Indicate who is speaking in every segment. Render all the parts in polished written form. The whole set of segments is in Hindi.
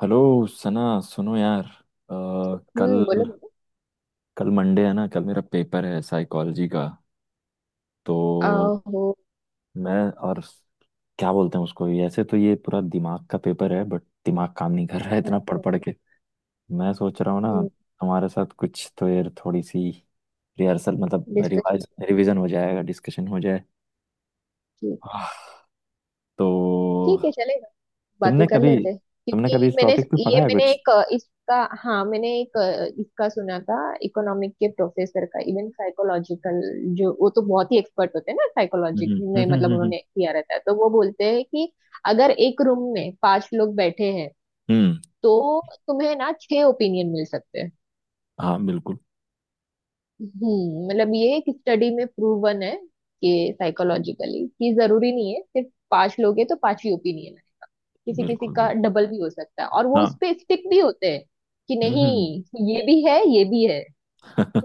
Speaker 1: हेलो सना। सुनो यार, कल
Speaker 2: हम्म, बोलो बोलो।
Speaker 1: कल मंडे है ना। कल मेरा पेपर है साइकोलॉजी का। तो
Speaker 2: आहो।
Speaker 1: मैं और क्या बोलते हैं उसको ऐसे, तो ये पूरा दिमाग का पेपर है, बट दिमाग काम नहीं कर रहा है इतना पढ़
Speaker 2: अच्छा।
Speaker 1: पढ़ के। मैं सोच रहा हूँ ना,
Speaker 2: हम्म।
Speaker 1: हमारे साथ कुछ तो यार, थोड़ी सी रिहर्सल मतलब
Speaker 2: डिस्कशन।
Speaker 1: रिवाइज रिवीजन हो जाएगा, डिस्कशन हो जाए।
Speaker 2: ठीक है।
Speaker 1: आह, तो
Speaker 2: ठीक है, चलेगा। बातें
Speaker 1: तुमने
Speaker 2: कर
Speaker 1: कभी
Speaker 2: लेते हैं
Speaker 1: तुमने
Speaker 2: क्योंकि
Speaker 1: कभी इस
Speaker 2: मैंने
Speaker 1: टॉपिक पे पढ़ा
Speaker 2: ये
Speaker 1: है
Speaker 2: मैंने
Speaker 1: कुछ।
Speaker 2: एक इसका, हाँ मैंने एक इसका सुना था। इकोनॉमिक के प्रोफेसर का, इवन साइकोलॉजिकल जो वो तो बहुत ही एक्सपर्ट होते हैं ना
Speaker 1: हम्म,
Speaker 2: साइकोलॉजी
Speaker 1: हम्म,
Speaker 2: में,
Speaker 1: हम्म, हम्म,
Speaker 2: मतलब उन्होंने किया रहता है। तो वो बोलते हैं कि अगर एक रूम में पांच लोग बैठे हैं
Speaker 1: हम्म।
Speaker 2: तो तुम्हें ना छह ओपिनियन मिल सकते हैं।
Speaker 1: हाँ, बिल्कुल,
Speaker 2: हम्म, मतलब ये एक स्टडी में प्रूवन है कि साइकोलॉजिकली, कि जरूरी नहीं है सिर्फ पांच लोग हैं तो पांच ही ओपिनियन है। किसी किसी
Speaker 1: बिल्कुल,
Speaker 2: का
Speaker 1: बिल्कुल।
Speaker 2: डबल भी हो सकता है और वो इस
Speaker 1: हाँ।
Speaker 2: पे स्टिक भी होते हैं, कि
Speaker 1: हम्म।
Speaker 2: नहीं। ये भी है ये भी है।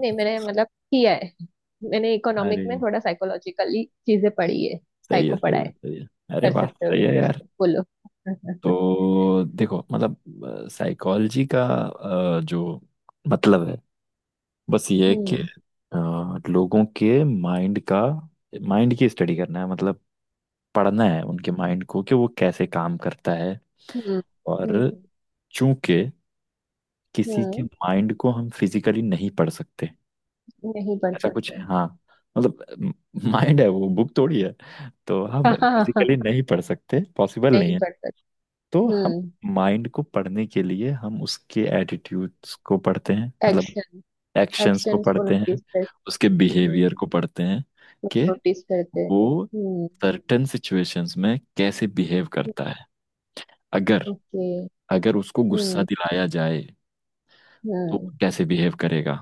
Speaker 2: नहीं, मैंने मतलब किया है। मैंने इकोनॉमिक
Speaker 1: अरे,
Speaker 2: में थोड़ा साइकोलॉजिकली चीजें पढ़ी है,
Speaker 1: सही है,
Speaker 2: साइको पढ़ा
Speaker 1: सही है,
Speaker 2: है।
Speaker 1: सही है। अरे
Speaker 2: कर
Speaker 1: वाह,
Speaker 2: सकते हो
Speaker 1: सही है
Speaker 2: डिस्कशन,
Speaker 1: यार।
Speaker 2: बोलो।
Speaker 1: तो देखो, मतलब साइकोलॉजी का जो मतलब है बस ये है कि
Speaker 2: हम्म
Speaker 1: लोगों के माइंड की स्टडी करना है, मतलब पढ़ना है उनके माइंड को कि वो कैसे काम करता है।
Speaker 2: हम्म
Speaker 1: और
Speaker 2: हम्म
Speaker 1: चूंकि किसी के
Speaker 2: हम्म।
Speaker 1: माइंड को हम फिजिकली नहीं पढ़ सकते,
Speaker 2: नहीं पढ़
Speaker 1: ऐसा कुछ।
Speaker 2: सकते।
Speaker 1: हाँ, मतलब माइंड है, वो बुक थोड़ी है। तो हम
Speaker 2: नहीं
Speaker 1: फिजिकली नहीं पढ़ सकते, पॉसिबल
Speaker 2: पढ़
Speaker 1: नहीं है।
Speaker 2: सकते।
Speaker 1: तो हम
Speaker 2: हम्म।
Speaker 1: माइंड को पढ़ने के लिए हम उसके एटीट्यूड्स को पढ़ते हैं, मतलब
Speaker 2: एक्शन,
Speaker 1: एक्शंस को
Speaker 2: एक्शंस को
Speaker 1: पढ़ते
Speaker 2: नोटिस
Speaker 1: हैं,
Speaker 2: कर।
Speaker 1: उसके बिहेवियर
Speaker 2: हम्म,
Speaker 1: को पढ़ते हैं कि
Speaker 2: नोटिस करते हैं।
Speaker 1: वो
Speaker 2: हम्म।
Speaker 1: सर्टेन सिचुएशंस में कैसे बिहेव करता है। अगर
Speaker 2: ओके।
Speaker 1: अगर उसको गुस्सा
Speaker 2: हम्म।
Speaker 1: दिलाया जाए तो वो
Speaker 2: हम्म।
Speaker 1: कैसे बिहेव करेगा।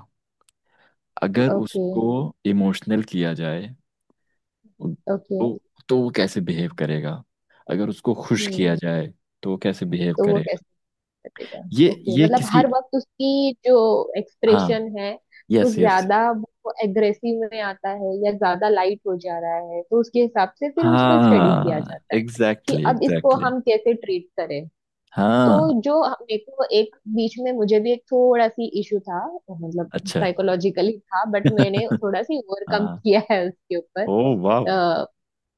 Speaker 1: अगर
Speaker 2: ओके।
Speaker 1: उसको इमोशनल किया जाए
Speaker 2: ओके।
Speaker 1: तो तो वो कैसे बिहेव करेगा। अगर उसको खुश
Speaker 2: हम्म।
Speaker 1: किया जाए तो वो कैसे बिहेव
Speaker 2: तो वो
Speaker 1: करेगा।
Speaker 2: कैसे करेगा?
Speaker 1: ये
Speaker 2: ओके,
Speaker 1: ये
Speaker 2: मतलब
Speaker 1: किसी।
Speaker 2: हर वक्त उसकी जो
Speaker 1: हाँ,
Speaker 2: एक्सप्रेशन है, वो
Speaker 1: यस, यस।
Speaker 2: ज्यादा, वो एग्रेसिव में आता है या ज्यादा लाइट हो जा रहा है, तो उसके हिसाब से फिर उसको स्टडी किया
Speaker 1: हाँ,
Speaker 2: जाता है कि
Speaker 1: एग्जैक्टली,
Speaker 2: अब इसको
Speaker 1: एग्जैक्टली।
Speaker 2: हम कैसे ट्रीट करें।
Speaker 1: हाँ।
Speaker 2: तो जो मेरे को एक बीच में मुझे भी एक थोड़ा सी इशू था, मतलब
Speaker 1: अच्छा।
Speaker 2: साइकोलॉजिकली था, बट मैंने थोड़ा सी ओवरकम
Speaker 1: हाँ।
Speaker 2: किया है उसके ऊपर।
Speaker 1: ओ वाह। हम्म,
Speaker 2: अ,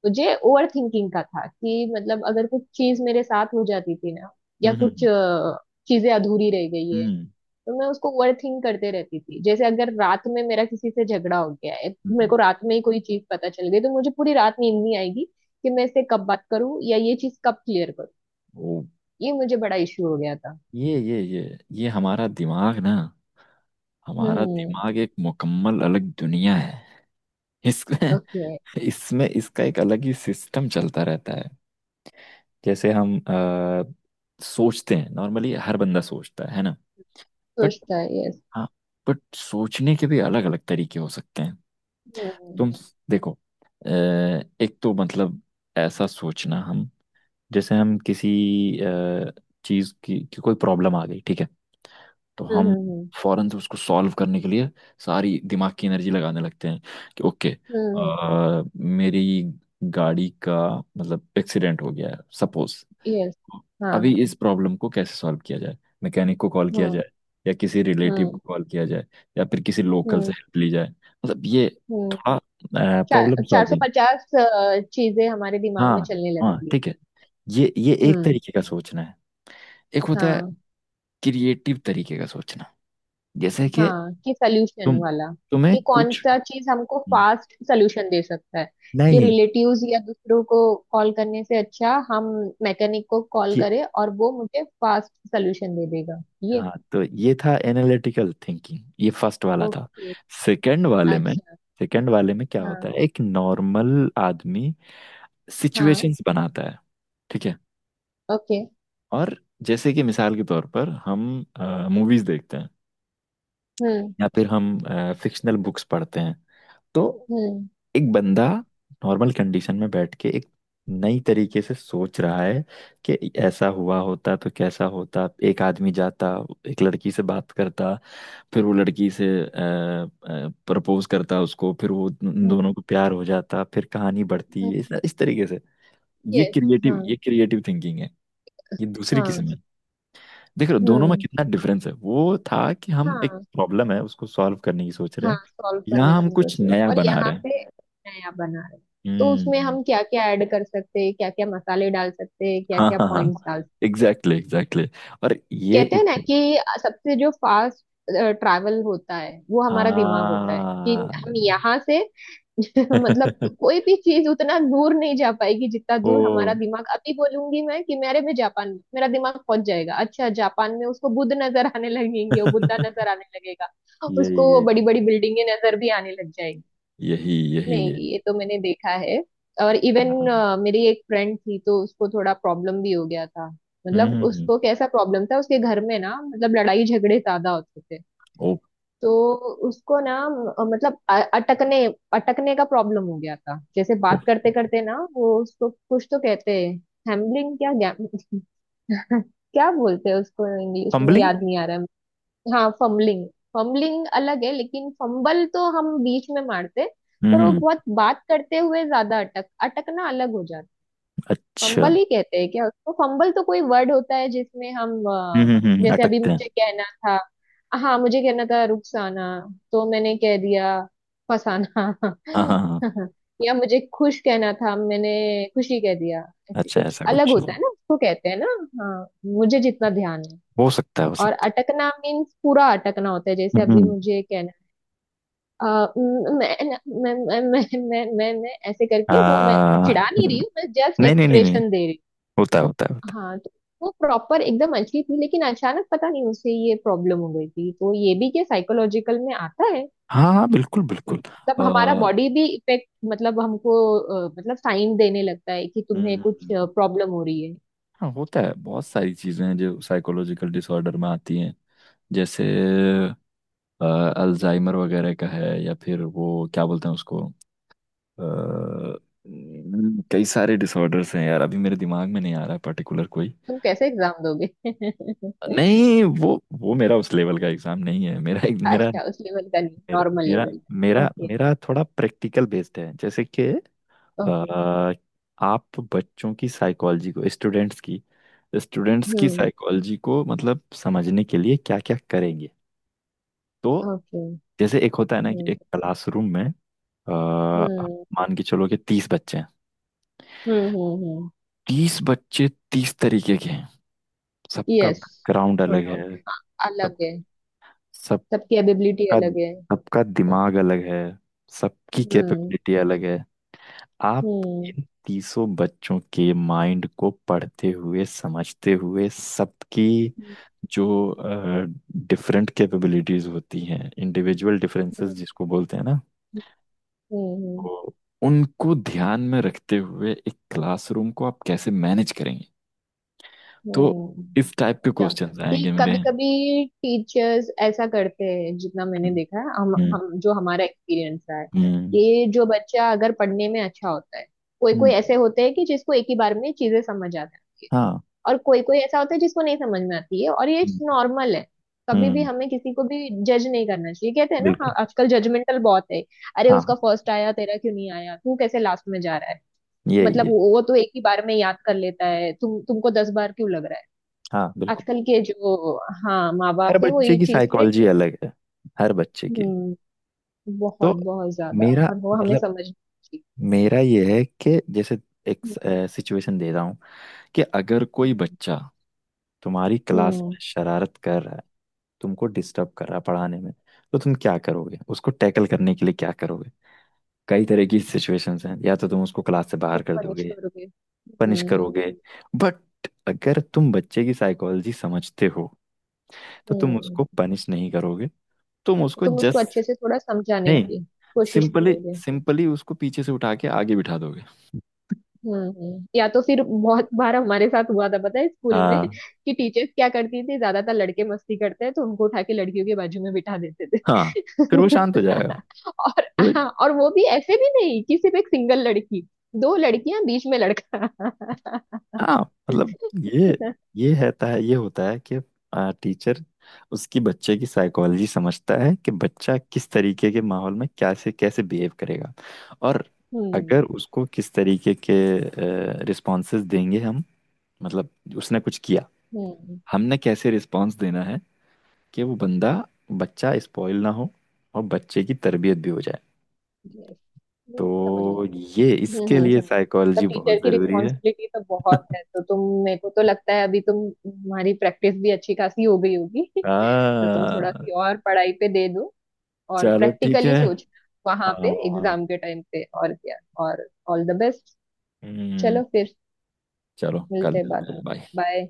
Speaker 2: मुझे ओवर थिंकिंग का था कि, मतलब, अगर कुछ चीज मेरे साथ हो जाती थी ना, या कुछ
Speaker 1: हम्म,
Speaker 2: चीजें अधूरी रह गई है,
Speaker 1: हम्म,
Speaker 2: तो मैं उसको ओवर थिंक करते रहती थी। जैसे अगर रात में मेरा किसी से झगड़ा हो गया है, मेरे को
Speaker 1: हम्म।
Speaker 2: रात में ही कोई चीज पता चल गई, तो मुझे पूरी रात नींद नहीं आएगी कि मैं इससे कब बात करूं या ये चीज कब क्लियर करूं।
Speaker 1: ओ।
Speaker 2: ये मुझे बड़ा इशू हो गया था।
Speaker 1: ये हमारा दिमाग ना, हमारा
Speaker 2: हम्म।
Speaker 1: दिमाग एक मुकम्मल अलग दुनिया है। इसमें
Speaker 2: ओके।
Speaker 1: इसमें इसका एक अलग ही सिस्टम चलता रहता है। जैसे हम सोचते हैं नॉर्मली, हर बंदा सोचता है ना। बट,
Speaker 2: सोचता है, यस।
Speaker 1: हाँ, बट सोचने के भी अलग अलग तरीके हो सकते हैं।
Speaker 2: हम्म
Speaker 1: तुम देखो, अ, एक तो मतलब ऐसा सोचना, हम जैसे हम किसी अ, चीज़ की कोई प्रॉब्लम आ गई, ठीक है। तो हम
Speaker 2: हम्म
Speaker 1: फौरन से उसको सॉल्व करने के लिए सारी दिमाग की एनर्जी लगाने लगते हैं, कि ओके,
Speaker 2: हम्म।
Speaker 1: मेरी गाड़ी का मतलब एक्सीडेंट हो गया है सपोज।
Speaker 2: यस। हाँ।
Speaker 1: अभी इस प्रॉब्लम को कैसे सॉल्व किया जाए, मैकेनिक को कॉल किया
Speaker 2: हम्म
Speaker 1: जाए या किसी रिलेटिव
Speaker 2: हम्म
Speaker 1: को कॉल किया जाए या फिर किसी लोकल
Speaker 2: हम्म
Speaker 1: से हेल्प ली जाए, मतलब ये
Speaker 2: हम्म।
Speaker 1: थोड़ा प्रॉब्लम
Speaker 2: चार चार सौ
Speaker 1: सॉल्विंग।
Speaker 2: पचास चीजें हमारे दिमाग
Speaker 1: हाँ
Speaker 2: में चलने
Speaker 1: हाँ,
Speaker 2: लगती है।
Speaker 1: ठीक है। ये एक
Speaker 2: हम्म।
Speaker 1: तरीके का सोचना है। एक होता है
Speaker 2: हाँ।
Speaker 1: क्रिएटिव तरीके का सोचना। जैसे कि
Speaker 2: हाँ, कि सल्यूशन
Speaker 1: तुम
Speaker 2: वाला।
Speaker 1: तुम्हें
Speaker 2: कि कौन
Speaker 1: कुछ
Speaker 2: सा चीज हमको फास्ट सल्यूशन दे सकता है। कि
Speaker 1: नहीं
Speaker 2: रिलेटिव्स या दूसरों को कॉल करने से अच्छा हम मैकेनिक को कॉल
Speaker 1: ये।
Speaker 2: करें और वो मुझे फास्ट सल्यूशन दे देगा। ये।
Speaker 1: हाँ, तो ये था एनालिटिकल थिंकिंग, ये फर्स्ट वाला था।
Speaker 2: ओके।
Speaker 1: सेकंड वाले में
Speaker 2: अच्छा।
Speaker 1: सेकंड वाले में क्या
Speaker 2: हाँ।
Speaker 1: होता है, एक नॉर्मल आदमी
Speaker 2: हाँ।
Speaker 1: सिचुएशंस बनाता है, ठीक है।
Speaker 2: ओके।
Speaker 1: और जैसे कि मिसाल के तौर पर हम मूवीज देखते हैं
Speaker 2: हम्म।
Speaker 1: या फिर हम फिक्शनल बुक्स पढ़ते हैं, तो
Speaker 2: हम्म।
Speaker 1: एक बंदा नॉर्मल कंडीशन में बैठ के एक नई तरीके से सोच रहा है कि ऐसा हुआ होता तो कैसा होता, एक आदमी जाता, एक लड़की से बात करता, फिर वो लड़की से प्रपोज करता उसको, फिर वो उन दोनों को प्यार हो जाता, फिर कहानी बढ़ती इस तरीके से। ये
Speaker 2: यस। हाँ।
Speaker 1: क्रिएटिव ये क्रिएटिव थिंकिंग है। ये दूसरी किस्म
Speaker 2: हाँ।
Speaker 1: है। देख रहे हो दोनों में
Speaker 2: हम्म।
Speaker 1: कितना डिफरेंस है। वो था कि हम एक
Speaker 2: हाँ,
Speaker 1: प्रॉब्लम है उसको सॉल्व करने की सोच रहे
Speaker 2: हाँ
Speaker 1: हैं,
Speaker 2: सॉल्व करने
Speaker 1: यहाँ हम
Speaker 2: की सोच
Speaker 1: कुछ
Speaker 2: रहे हैं।
Speaker 1: नया
Speaker 2: और
Speaker 1: बना
Speaker 2: यहाँ
Speaker 1: रहे हैं।
Speaker 2: पे नया बना रहे हैं। तो उसमें
Speaker 1: हम्म।
Speaker 2: हम क्या क्या ऐड कर सकते हैं, क्या क्या मसाले डाल सकते हैं, क्या
Speaker 1: हाँ
Speaker 2: क्या
Speaker 1: हाँ हाँ,
Speaker 2: पॉइंट्स डाल सकते हैं?
Speaker 1: Exactly, exactly. और ये
Speaker 2: कहते
Speaker 1: इस,
Speaker 2: हैं ना कि सबसे जो फास्ट ट्रैवल होता है वो हमारा दिमाग होता है, कि
Speaker 1: हाँ।
Speaker 2: हम यहाँ से, मतलब, कोई भी चीज उतना दूर नहीं जा पाएगी जितना
Speaker 1: ओ।
Speaker 2: दूर हमारा दिमाग। अभी बोलूंगी मैं कि मेरे में, जापान में मेरा दिमाग पहुंच जाएगा, अच्छा जापान में उसको बुद्ध नजर आने लगेंगे, वो बुद्धा नजर आने लगेगा।
Speaker 1: यही
Speaker 2: उसको
Speaker 1: यही,
Speaker 2: बड़ी बड़ी बिल्डिंगें नजर भी आने लग जाएगी।
Speaker 1: यही यही
Speaker 2: नहीं,
Speaker 1: है।
Speaker 2: ये तो मैंने देखा है। और इवन,
Speaker 1: हाँ।
Speaker 2: मेरी एक फ्रेंड थी तो उसको थोड़ा प्रॉब्लम भी हो गया था।
Speaker 1: हम्म,
Speaker 2: मतलब
Speaker 1: हम्म,
Speaker 2: उसको कैसा प्रॉब्लम था, उसके घर में ना, मतलब लड़ाई झगड़े ज्यादा होते थे।
Speaker 1: ओ।
Speaker 2: तो उसको ना, मतलब, अटकने, अटकने का प्रॉब्लम हो गया था। जैसे
Speaker 1: ओ,
Speaker 2: बात करते करते ना वो, उसको कुछ तो कहते हैं, हैम्बलिंग, क्या क्या बोलते हैं उसको इंग्लिश में,
Speaker 1: फंबलिंग।
Speaker 2: याद नहीं आ रहा है। हाँ, फम्बलिंग। फम्बलिंग अलग है, लेकिन फंबल तो हम बीच में मारते।
Speaker 1: हम्म,
Speaker 2: पर वो बहुत बात करते हुए ज्यादा अटक, अटकना अलग हो जाता है।
Speaker 1: अच्छा।
Speaker 2: फंबल ही कहते हैं क्या उसको? फंबल तो कोई वर्ड होता है जिसमें हम
Speaker 1: हम्म, हम्म,
Speaker 2: जैसे अभी
Speaker 1: अटकते हैं।
Speaker 2: मुझे कहना था, हाँ मुझे कहना था रुखसाना, तो मैंने कह दिया फसाना।
Speaker 1: हाँ हाँ हाँ।
Speaker 2: या मुझे खुश कहना था, मैंने खुशी कह दिया। ऐसे
Speaker 1: अच्छा,
Speaker 2: कुछ
Speaker 1: ऐसा
Speaker 2: अलग
Speaker 1: कुछ।
Speaker 2: होता है ना, उसको कहते हैं ना। हाँ, मुझे जितना ध्यान है।
Speaker 1: हो सकता है, हो
Speaker 2: और
Speaker 1: सकता है।
Speaker 2: अटकना मीन्स पूरा अटकना होता है, जैसे
Speaker 1: हम्म,
Speaker 2: अभी
Speaker 1: हम्म।
Speaker 2: मुझे कहना, अ, म- मैं मैं, मैं- ऐसे करके, वो, मैं चिढ़ा नहीं रही हूँ मैं, जस्ट
Speaker 1: नहीं नहीं नहीं नहीं।
Speaker 2: एक्सप्रेशन दे रही हूँ।
Speaker 1: होता है, होता है, होता है।
Speaker 2: हाँ, तो वो प्रॉपर एकदम अच्छी थी, लेकिन अचानक पता नहीं उसे ये प्रॉब्लम हो गई थी। तो ये भी क्या साइकोलॉजिकल में आता है?
Speaker 1: हाँ हाँ, बिल्कुल, बिल्कुल।
Speaker 2: मतलब
Speaker 1: आ,
Speaker 2: हमारा बॉडी भी इफेक्ट, मतलब हमको मतलब साइन देने लगता है कि तुम्हें कुछ
Speaker 1: हम्म,
Speaker 2: प्रॉब्लम हो रही है।
Speaker 1: हाँ होता है, बहुत सारी चीजें हैं जो साइकोलॉजिकल डिसऑर्डर में आती हैं। जैसे अल्जाइमर वगैरह का है या फिर वो क्या बोलते हैं उसको। कई सारे डिसऑर्डर्स हैं यार, अभी मेरे दिमाग में नहीं आ रहा है पर्टिकुलर कोई।
Speaker 2: तुम कैसे एग्जाम दोगे?
Speaker 1: नहीं, वो मेरा उस लेवल का एग्जाम नहीं है। मेरा मेरा
Speaker 2: अच्छा, उस लेवल का नहीं,
Speaker 1: मेरा
Speaker 2: नॉर्मल
Speaker 1: मेरा
Speaker 2: लेवल का,
Speaker 1: मेरा,
Speaker 2: ओके।
Speaker 1: मेरा थोड़ा प्रैक्टिकल बेस्ड है। जैसे कि
Speaker 2: ओके।
Speaker 1: अ, आप बच्चों की साइकोलॉजी को स्टूडेंट्स की
Speaker 2: हम्म।
Speaker 1: साइकोलॉजी को मतलब समझने के लिए क्या क्या करेंगे। तो
Speaker 2: ओके।
Speaker 1: जैसे एक होता है ना कि
Speaker 2: हम्म।
Speaker 1: एक क्लासरूम में आप
Speaker 2: हम्म।
Speaker 1: मान के चलो कि 30 बच्चे हैं।
Speaker 2: हम्म। हम्म।
Speaker 1: 30 बच्चे 30 तरीके के हैं। सबका
Speaker 2: यस,
Speaker 1: बैकग्राउंड
Speaker 2: नो
Speaker 1: अलग
Speaker 2: डाउट
Speaker 1: है। सब
Speaker 2: अलग है।
Speaker 1: सबका
Speaker 2: सबकी एबिलिटी अलग है।
Speaker 1: सबका दिमाग अलग है। सबकी
Speaker 2: हम्म।
Speaker 1: कैपेबिलिटी अलग है। आप
Speaker 2: हम्म।
Speaker 1: इन तीसों बच्चों के माइंड को पढ़ते हुए, समझते हुए, सबकी
Speaker 2: हम्म।
Speaker 1: जो डिफरेंट कैपेबिलिटीज होती हैं, इंडिविजुअल डिफरेंसेस
Speaker 2: हम्म।
Speaker 1: जिसको बोलते हैं ना,
Speaker 2: हम्म।
Speaker 1: तो उनको ध्यान में रखते हुए एक क्लासरूम को आप कैसे मैनेज करेंगे। तो
Speaker 2: हम्म।
Speaker 1: इस टाइप के
Speaker 2: क्या?
Speaker 1: क्वेश्चंस
Speaker 2: कि
Speaker 1: आएंगे मेरे।
Speaker 2: कभी कभी टीचर्स ऐसा करते हैं, जितना मैंने
Speaker 1: हम्म,
Speaker 2: देखा है, हम
Speaker 1: हम्म,
Speaker 2: हम जो हमारा एक्सपीरियंस रहा है,
Speaker 1: हम्म,
Speaker 2: कि जो बच्चा अगर पढ़ने में अच्छा होता है। कोई कोई
Speaker 1: हम्म।
Speaker 2: ऐसे होते हैं कि जिसको एक ही बार में चीजें समझ आ जाती है,
Speaker 1: हाँ,
Speaker 2: और कोई कोई ऐसा होता है जिसको नहीं समझ में आती है, और ये
Speaker 1: हम्म,
Speaker 2: नॉर्मल है। कभी भी
Speaker 1: हम्म,
Speaker 2: हमें किसी को भी जज नहीं करना चाहिए, कहते हैं ना। हाँ,
Speaker 1: बिल्कुल।
Speaker 2: आजकल जजमेंटल बहुत है। अरे,
Speaker 1: हाँ हाँ,
Speaker 2: उसका फर्स्ट आया, तेरा क्यों नहीं आया, तू कैसे लास्ट में जा रहा है!
Speaker 1: यही
Speaker 2: मतलब
Speaker 1: यही।
Speaker 2: वो तो एक ही बार में याद कर लेता है, तुमको 10 बार क्यों लग रहा है?
Speaker 1: हाँ, बिल्कुल।
Speaker 2: आजकल के जो, हाँ, माँ बाप
Speaker 1: हर
Speaker 2: है वो
Speaker 1: बच्चे
Speaker 2: ये
Speaker 1: की
Speaker 2: चीज पे,
Speaker 1: साइकोलॉजी अलग है, हर बच्चे की।
Speaker 2: हम्म,
Speaker 1: तो
Speaker 2: बहुत बहुत ज्यादा,
Speaker 1: मेरा
Speaker 2: और वो हमें
Speaker 1: मतलब,
Speaker 2: समझना चाहिए।
Speaker 1: मेरा ये है कि जैसे एक
Speaker 2: हम्म।
Speaker 1: सिचुएशन दे रहा हूँ कि अगर कोई
Speaker 2: हम्म।
Speaker 1: बच्चा तुम्हारी क्लास
Speaker 2: हम्म,
Speaker 1: में शरारत कर रहा है, तुमको डिस्टर्ब कर रहा है पढ़ाने में, तो तुम क्या करोगे, उसको टैकल करने के लिए क्या करोगे। कई तरह की सिचुएशंस हैं, या तो तुम उसको क्लास से
Speaker 2: तुम
Speaker 1: बाहर कर
Speaker 2: पनिश
Speaker 1: दोगे,
Speaker 2: करोगे,
Speaker 1: पनिश
Speaker 2: हम्म।
Speaker 1: करोगे। बट अगर तुम बच्चे की साइकोलॉजी समझते हो तो तुम उसको
Speaker 2: हम्म।
Speaker 1: पनिश नहीं करोगे। तुम उसको
Speaker 2: तुम उसको अच्छे
Speaker 1: जस्ट,
Speaker 2: से थोड़ा समझाने
Speaker 1: नहीं,
Speaker 2: की कोशिश
Speaker 1: सिंपली
Speaker 2: करोगे।
Speaker 1: सिंपली उसको पीछे से उठा के आगे बिठा दोगे।
Speaker 2: हम्म। हम्म। या तो फिर बहुत बार हमारे साथ हुआ था, पता है, स्कूल में
Speaker 1: हाँ।
Speaker 2: कि टीचर्स क्या करती थी, ज्यादातर लड़के मस्ती करते हैं तो उनको उठा के लड़कियों के बाजू में बिठा देते थे।
Speaker 1: हाँ, फिर वो शांत हो जाएगा,
Speaker 2: और
Speaker 1: तो
Speaker 2: हाँ, और वो भी ऐसे भी नहीं कि सिर्फ एक सिंगल लड़की, दो लड़कियां बीच में लड़का।
Speaker 1: हाँ। मतलब ये ये रहता है, ये होता है कि टीचर उसकी बच्चे की साइकोलॉजी समझता है कि बच्चा किस तरीके के माहौल में क्या से कैसे बिहेव करेगा। और
Speaker 2: हम्म।
Speaker 1: अगर उसको किस तरीके के रिस्पॉन्सेस देंगे हम, मतलब उसने कुछ किया,
Speaker 2: हम्म।
Speaker 1: हमने कैसे रिस्पॉन्स देना है कि वो बंदा बच्चा स्पॉइल ना हो और बच्चे की तरबियत भी हो जाए।
Speaker 2: Yes, समझ गई।
Speaker 1: तो ये
Speaker 2: हम्म।
Speaker 1: इसके लिए
Speaker 2: समझ, मतलब
Speaker 1: साइकोलॉजी
Speaker 2: टीचर
Speaker 1: बहुत
Speaker 2: की
Speaker 1: ज़रूरी है।
Speaker 2: रिस्पॉन्सिबिलिटी तो बहुत है। तो तुम, मेरे को तो लगता है अभी तुम्हारी प्रैक्टिस भी अच्छी खासी हो गई होगी। तो तुम थोड़ा
Speaker 1: हाँ,
Speaker 2: सी और पढ़ाई पे दे दो, और
Speaker 1: चलो ठीक
Speaker 2: प्रैक्टिकली
Speaker 1: है।
Speaker 2: सोच वहां पे,
Speaker 1: हाँ,
Speaker 2: एग्जाम के टाइम पे, और क्या, और ऑल द बेस्ट।
Speaker 1: हम्म,
Speaker 2: चलो फिर,
Speaker 1: चलो कर
Speaker 2: मिलते हैं बाद
Speaker 1: लेते
Speaker 2: में,
Speaker 1: हैं, बाय।
Speaker 2: बाय।